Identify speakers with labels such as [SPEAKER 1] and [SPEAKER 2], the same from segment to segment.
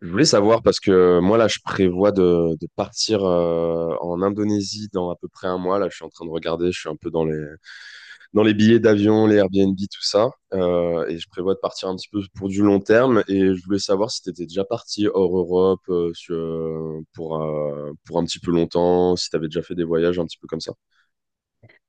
[SPEAKER 1] Je voulais savoir parce que moi là je prévois de partir en Indonésie dans à peu près un mois. Là je suis en train de regarder, je suis un peu dans les billets d'avion, les Airbnb, tout ça. Et je prévois de partir un petit peu pour du long terme. Et je voulais savoir si tu étais déjà parti hors Europe pour un petit peu longtemps, si tu avais déjà fait des voyages un petit peu comme ça.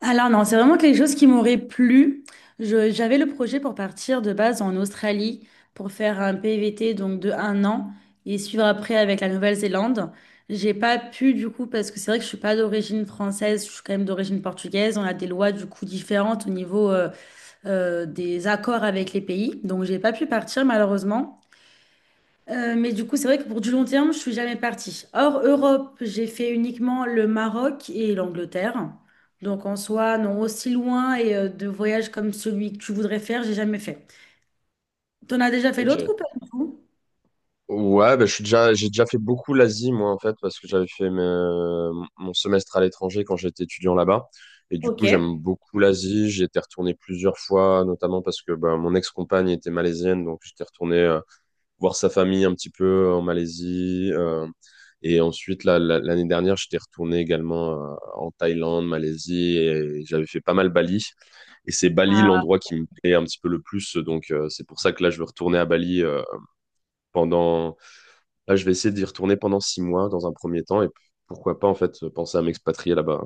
[SPEAKER 2] Alors non, c'est vraiment quelque chose qui m'aurait plu. J'avais le projet pour partir de base en Australie pour faire un PVT donc de un an et suivre après avec la Nouvelle-Zélande. J'ai pas pu du coup parce que c'est vrai que je suis pas d'origine française, je suis quand même d'origine portugaise. On a des lois du coup différentes au niveau des accords avec les pays, donc j'ai pas pu partir malheureusement. Mais du coup, c'est vrai que pour du long terme, je suis jamais partie. Hors Europe, j'ai fait uniquement le Maroc et l'Angleterre. Donc en soi, non, aussi loin et de voyages comme celui que tu voudrais faire, j'ai jamais fait. T'en as déjà fait
[SPEAKER 1] Ok.
[SPEAKER 2] d'autres ou pas du tout?
[SPEAKER 1] Ouais, bah, j'ai déjà fait beaucoup l'Asie, moi, en fait, parce que mon semestre à l'étranger quand j'étais étudiant là-bas. Et du
[SPEAKER 2] Ok.
[SPEAKER 1] coup, j'aime beaucoup l'Asie. J'y étais retourné plusieurs fois, notamment parce que bah, mon ex-compagne était malaisienne, donc j'étais retourné voir sa famille un petit peu en Malaisie. Et ensuite, là, l'année dernière, j'étais retourné également en Thaïlande, Malaisie, et j'avais fait pas mal Bali. Et c'est Bali l'endroit qui me plaît un petit peu le plus, donc c'est pour ça que là, je veux retourner à Bali pendant Là, je vais essayer d'y retourner pendant 6 mois dans un premier temps et puis, pourquoi pas en fait penser à m'expatrier là-bas.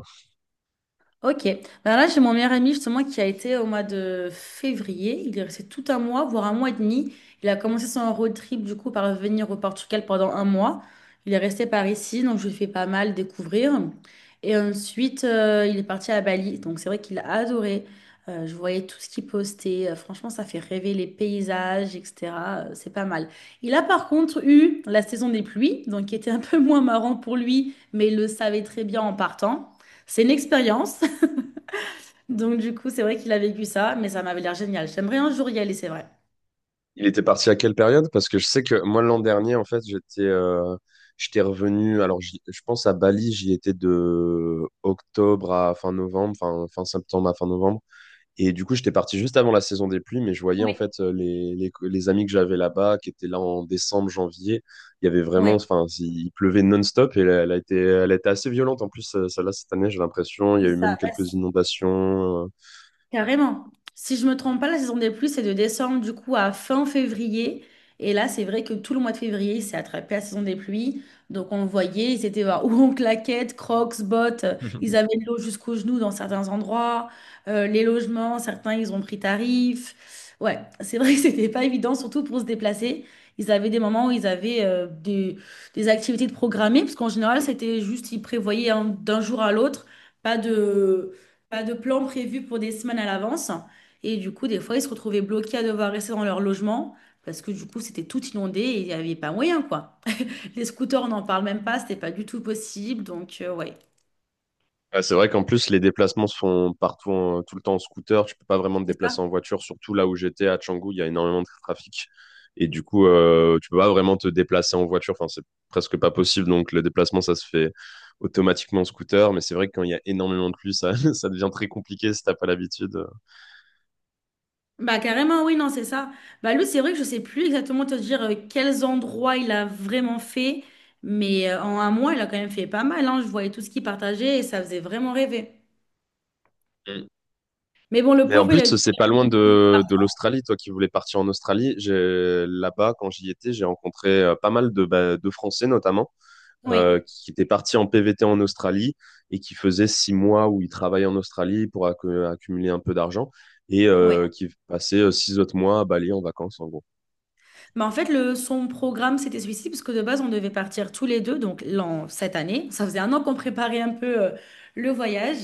[SPEAKER 2] Ok. Ben là, j'ai mon meilleur ami justement qui a été au mois de février. Il est resté tout un mois, voire un mois et demi. Il a commencé son road trip du coup par venir au Portugal pendant un mois. Il est resté par ici, donc je lui ai fait pas mal découvrir. Et ensuite, il est parti à Bali. Donc c'est vrai qu'il a adoré. Je voyais tout ce qu'il postait. Franchement, ça fait rêver les paysages, etc. C'est pas mal. Il a par contre eu la saison des pluies, donc qui était un peu moins marrant pour lui, mais il le savait très bien en partant. C'est une expérience. Donc, du coup, c'est vrai qu'il a vécu ça, mais ça m'avait l'air génial. J'aimerais un jour y aller, c'est vrai.
[SPEAKER 1] Il était parti à quelle période? Parce que je sais que moi l'an dernier en fait j'étais revenu. Alors je pense à Bali, j'y étais de octobre à fin novembre, fin septembre à fin novembre. Et du coup, j'étais parti juste avant la saison des pluies, mais je voyais en fait les amis que j'avais là-bas, qui étaient là en décembre, janvier. Il y avait
[SPEAKER 2] Oui,
[SPEAKER 1] vraiment, enfin, il pleuvait non-stop et elle, elle a été assez violente. En plus, celle-là, cette année, j'ai l'impression, il y a
[SPEAKER 2] c'est
[SPEAKER 1] eu même
[SPEAKER 2] ça. Bah,
[SPEAKER 1] quelques inondations.
[SPEAKER 2] carrément. Si je me trompe pas, la saison des pluies, c'est de décembre du coup à fin février. Et là, c'est vrai que tout le mois de février, c'est attrapé à la saison des pluies. Donc, on le voyait, ils étaient ou en claquettes, crocs, bottes. Ils avaient de l'eau jusqu'aux genoux dans certains endroits. Les logements, certains, ils ont pris tarif. Ouais, c'est vrai que c'était pas évident, surtout pour se déplacer. Ils avaient des moments où ils avaient des activités de programmées, parce qu'en général, c'était juste, ils prévoyaient d'un jour à l'autre. Pas de, pas de plan prévu pour des semaines à l'avance. Et du coup, des fois, ils se retrouvaient bloqués à devoir rester dans leur logement parce que du coup, c'était tout inondé et il n'y avait pas moyen, quoi. Les scooters, on n'en parle même pas, c'était pas du tout possible. Donc, ouais,
[SPEAKER 1] Ah, c'est vrai qu'en plus, les déplacements se font partout, tout le temps en scooter. Tu peux pas vraiment te
[SPEAKER 2] c'est ça.
[SPEAKER 1] déplacer en voiture, surtout là où j'étais à Canggu, il y a énormément de trafic. Et du coup, tu peux pas vraiment te déplacer en voiture. Enfin, c'est presque pas possible. Donc, le déplacement, ça se fait automatiquement en scooter. Mais c'est vrai que quand il y a énormément de pluie, ça, ça devient très compliqué si t'as pas l'habitude.
[SPEAKER 2] Bah, carrément, oui, non, c'est ça. Bah, lui, c'est vrai que je sais plus exactement te dire quels endroits il a vraiment fait, mais en un mois, il a quand même fait pas mal, hein. Je voyais tout ce qu'il partageait et ça faisait vraiment rêver.
[SPEAKER 1] Mm.
[SPEAKER 2] Mais bon, le
[SPEAKER 1] Mais en
[SPEAKER 2] pauvre, il
[SPEAKER 1] plus,
[SPEAKER 2] a eu...
[SPEAKER 1] c'est pas loin de l'Australie. Toi qui voulais partir en Australie, j'ai, là-bas, quand j'y étais, j'ai rencontré pas mal de, bah, de Français, notamment
[SPEAKER 2] Oui,
[SPEAKER 1] qui était parti en PVT en Australie et qui faisait 6 mois où il travaillait en Australie pour accumuler un peu d'argent et
[SPEAKER 2] oui.
[SPEAKER 1] qui passait six autres mois à Bali en vacances en gros.
[SPEAKER 2] Mais en fait, son programme, c'était celui-ci, parce que de base, on devait partir tous les deux, donc cette année. Ça faisait un an qu'on préparait un peu le voyage.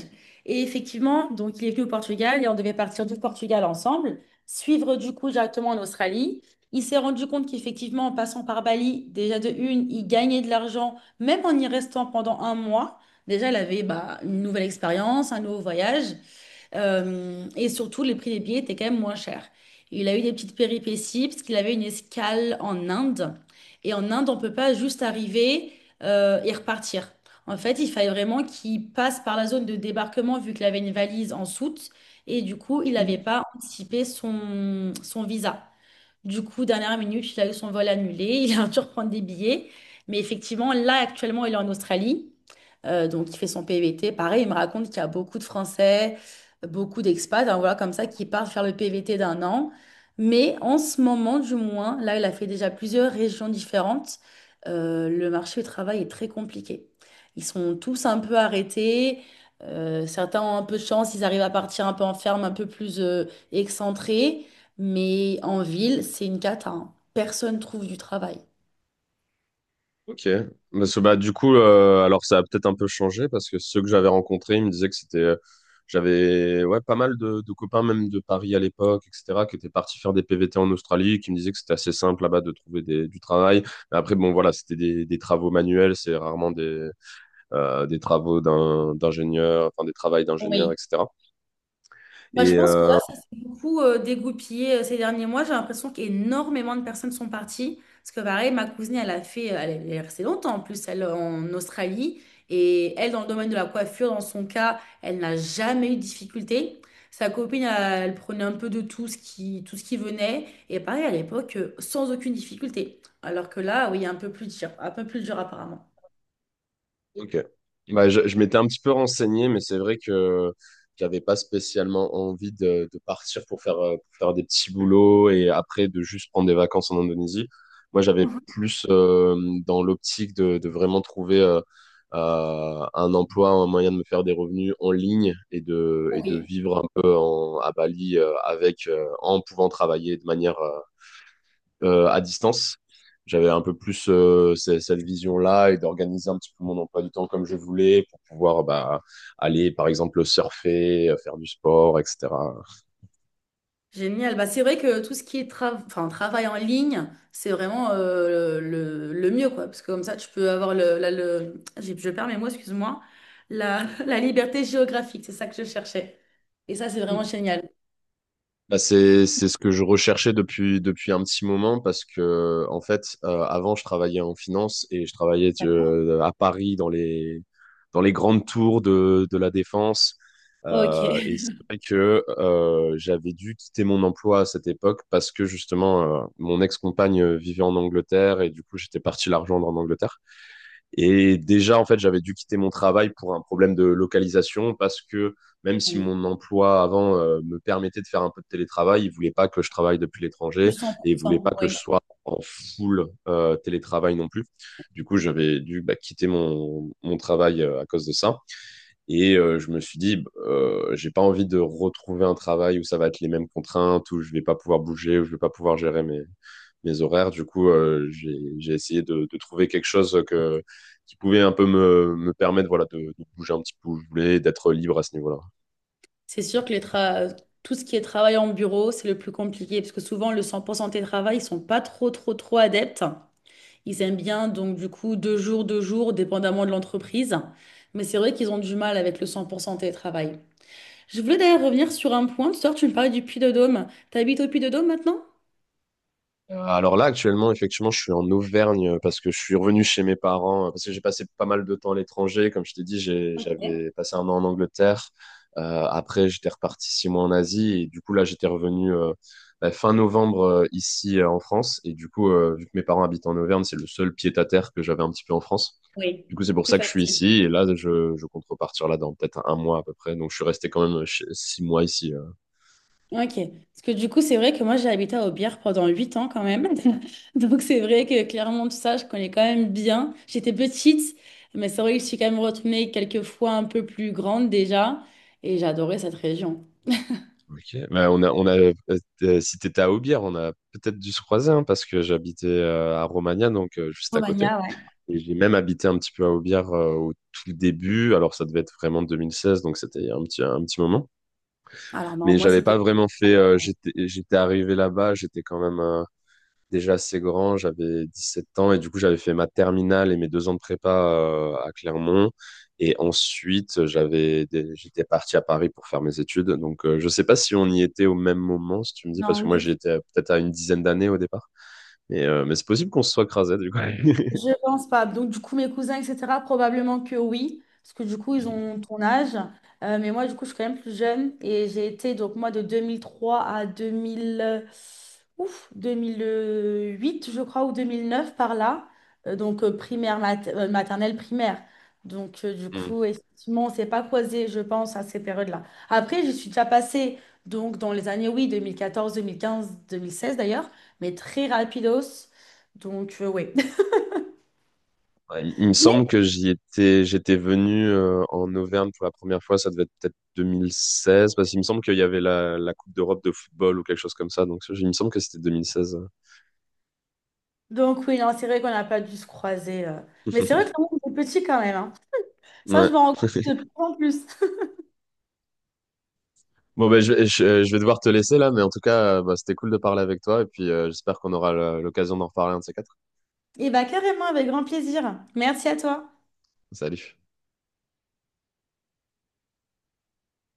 [SPEAKER 2] Et effectivement, donc il est venu au Portugal et on devait partir du Portugal ensemble, suivre du coup directement en Australie. Il s'est rendu compte qu'effectivement, en passant par Bali, déjà de une, il gagnait de l'argent, même en y restant pendant un mois. Déjà, il avait bah, une nouvelle expérience, un nouveau voyage. Et surtout, les prix des billets étaient quand même moins chers. Il a eu des petites péripéties parce qu'il avait une escale en Inde. Et en Inde, on peut pas juste arriver et repartir. En fait, il fallait vraiment qu'il passe par la zone de débarquement vu qu'il avait une valise en soute. Et du coup, il n'avait pas anticipé son visa. Du coup, dernière minute, il a eu son vol annulé, il a dû reprendre des billets. Mais effectivement, là, actuellement, il est en Australie. Donc, il fait son PVT. Pareil, il me raconte qu'il y a beaucoup de Français, beaucoup d'expats, hein, voilà, comme ça, qui partent faire le PVT d'un an. Mais en ce moment, du moins, là, il a fait déjà plusieurs régions différentes. Le marché du travail est très compliqué. Ils sont tous un peu arrêtés. Certains ont un peu de chance, ils arrivent à partir un peu en ferme, un peu plus excentrés. Mais en ville, c'est une cata, hein. Personne trouve du travail.
[SPEAKER 1] Ok. Parce que, bah, du coup, alors ça a peut-être un peu changé parce que ceux que j'avais rencontrés, ils me disaient que c'était. J'avais ouais, pas mal de copains, même de Paris à l'époque, etc., qui étaient partis faire des PVT en Australie, qui me disaient que c'était assez simple là-bas de trouver du travail. Mais après, bon, voilà, c'était des travaux manuels, c'est rarement des travaux d'ingénieur, enfin des travails d'ingénieur,
[SPEAKER 2] Oui.
[SPEAKER 1] etc.
[SPEAKER 2] Bah, je
[SPEAKER 1] Et
[SPEAKER 2] pense que là,
[SPEAKER 1] euh,
[SPEAKER 2] ça s'est beaucoup dégoupillé ces derniers mois. J'ai l'impression qu'énormément de personnes sont parties. Parce que pareil, ma cousine, elle a fait, elle est restée longtemps en plus, elle en Australie. Et elle, dans le domaine de la coiffure, dans son cas, elle n'a jamais eu de difficulté. Sa copine, elle, elle prenait un peu de tout ce qui venait. Et pareil, à l'époque, sans aucune difficulté. Alors que là, oui, un peu plus dur apparemment.
[SPEAKER 1] ok. Bah, je m'étais un petit peu renseigné, mais c'est vrai que j'avais pas spécialement envie de partir pour faire des petits boulots et après de juste prendre des vacances en Indonésie. Moi, j'avais plus dans l'optique de vraiment trouver un emploi, un moyen de me faire des revenus en ligne et de
[SPEAKER 2] Oui.
[SPEAKER 1] vivre un peu à Bali en pouvant travailler de manière à distance. J'avais un peu plus cette vision-là et d'organiser un petit peu mon emploi du temps comme je voulais pour pouvoir bah, aller, par exemple, surfer, faire du sport, etc.
[SPEAKER 2] Génial. Bah, c'est vrai que tout ce qui est enfin, travail en ligne, c'est vraiment le mieux, quoi. Parce que comme ça, tu peux avoir le, la- le... j'ai- Je perds mes mots, excuse-moi. La liberté géographique, c'est ça que je cherchais. Et ça, c'est vraiment génial.
[SPEAKER 1] Bah, c'est ce que je recherchais depuis un petit moment parce que en fait avant je travaillais en finance et je travaillais
[SPEAKER 2] D'accord.
[SPEAKER 1] à Paris dans les grandes tours de la Défense
[SPEAKER 2] Ok.
[SPEAKER 1] et c'est vrai que j'avais dû quitter mon emploi à cette époque parce que justement mon ex-compagne vivait en Angleterre et du coup j'étais parti la rejoindre en Angleterre et déjà, en fait, j'avais dû quitter mon travail pour un problème de localisation parce que même si
[SPEAKER 2] Oui.
[SPEAKER 1] mon emploi avant me permettait de faire un peu de télétravail, il voulait pas que je travaille depuis l'étranger et il voulait pas
[SPEAKER 2] 100%.
[SPEAKER 1] que je
[SPEAKER 2] Oui.
[SPEAKER 1] sois en full télétravail non plus. Du coup, j'avais dû bah, quitter mon travail à cause de ça. Et je me suis dit, bah, j'ai pas envie de retrouver un travail où ça va être les mêmes contraintes, où je vais pas pouvoir bouger, où je vais pas pouvoir gérer mes horaires. Du coup, j'ai essayé de trouver quelque chose qui pouvait un peu me permettre voilà, de bouger un petit peu où je voulais, d'être libre à ce niveau-là.
[SPEAKER 2] C'est sûr que les tout ce qui est travail en bureau, c'est le plus compliqué. Parce que souvent, le 100% télétravail, ils sont pas trop, trop, trop adeptes. Ils aiment bien, donc du coup, deux jours, dépendamment de l'entreprise. Mais c'est vrai qu'ils ont du mal avec le 100% télétravail. Je voulais d'ailleurs revenir sur un point. Tout à l'heure, tu me parlais du Puy-de-Dôme. T'habites au Puy-de-Dôme maintenant?
[SPEAKER 1] Alors là, actuellement, effectivement, je suis en Auvergne parce que je suis revenu chez mes parents, parce que j'ai passé pas mal de temps à l'étranger. Comme je t'ai dit,
[SPEAKER 2] Ok.
[SPEAKER 1] j'avais passé 1 an en Angleterre. Après, j'étais reparti 6 mois en Asie. Et du coup, là, j'étais revenu bah, fin novembre ici en France. Et du coup, vu que mes parents habitent en Auvergne, c'est le seul pied-à-terre que j'avais un petit peu en France.
[SPEAKER 2] Oui,
[SPEAKER 1] Du coup, c'est pour
[SPEAKER 2] plus
[SPEAKER 1] ça que je suis
[SPEAKER 2] facile.
[SPEAKER 1] ici. Et là, je compte repartir là dans peut-être un mois à peu près. Donc, je suis resté quand même 6 mois ici.
[SPEAKER 2] Ok. Parce que du coup, c'est vrai que moi, j'ai habité à Aubière pendant 8 ans quand même. Donc c'est vrai que clairement, tout ça, je connais quand même bien. J'étais petite, mais c'est vrai que je suis quand même retournée quelques fois un peu plus grande déjà. Et j'adorais cette région.
[SPEAKER 1] Ok. Bah, si t'étais à Aubière, on a peut-être dû se croiser hein, parce que j'habitais à Romagna, donc juste à côté.
[SPEAKER 2] Romagna, ouais.
[SPEAKER 1] Et j'ai même habité un petit peu à Aubière au tout début. Alors, ça devait être vraiment 2016, donc c'était il y a un petit moment.
[SPEAKER 2] Alors non,
[SPEAKER 1] Mais
[SPEAKER 2] moi,
[SPEAKER 1] j'avais pas
[SPEAKER 2] c'était...
[SPEAKER 1] vraiment j'étais arrivé là-bas. J'étais quand même. Déjà assez grand, j'avais 17 ans et du coup j'avais fait ma terminale et mes 2 ans de prépa à Clermont. Et ensuite, j'étais parti à Paris pour faire mes études. Donc, je ne sais pas si on y était au même moment, si tu me dis, parce
[SPEAKER 2] Non,
[SPEAKER 1] que moi,
[SPEAKER 2] du tout.
[SPEAKER 1] peut-être à une dizaine d'années au départ. Mais c'est possible qu'on se soit crasé, du coup.
[SPEAKER 2] Je pense pas. Donc, du coup, mes cousins, etc., probablement que oui, parce que du coup, ils ont ton âge. Mais moi, du coup, je suis quand même plus jeune et j'ai été, donc, moi, de 2003 à 2000, 2008 je crois, ou 2009 par là. Donc, primaire, maternelle, primaire. Donc, du
[SPEAKER 1] Hmm.
[SPEAKER 2] coup, effectivement, on s'est pas croisés, je pense, à ces périodes-là. Après, je suis déjà passée, donc, dans les années, oui, deux mille quatorze 2015 2016 d'ailleurs, mais très rapidos. Donc, oui.
[SPEAKER 1] Ouais, il me semble que j'y étais, j'étais venu en Auvergne pour la première fois, ça devait être peut-être 2016, parce qu'il me semble qu'il y avait la Coupe d'Europe de football ou quelque chose comme ça. Donc, il me semble que c'était 2016.
[SPEAKER 2] Donc oui, non, c'est vrai qu'on n'a pas dû se croiser. Mais c'est vrai que le monde est petit quand même, hein. Ça, je me
[SPEAKER 1] Ouais.
[SPEAKER 2] rends compte de plus en plus.
[SPEAKER 1] Bon, ben, je vais devoir te laisser là, mais en tout cas, bah, c'était cool de parler avec toi et puis j'espère qu'on aura l'occasion d'en reparler un de ces quatre.
[SPEAKER 2] Et bah carrément, avec grand plaisir. Merci à toi.
[SPEAKER 1] Salut.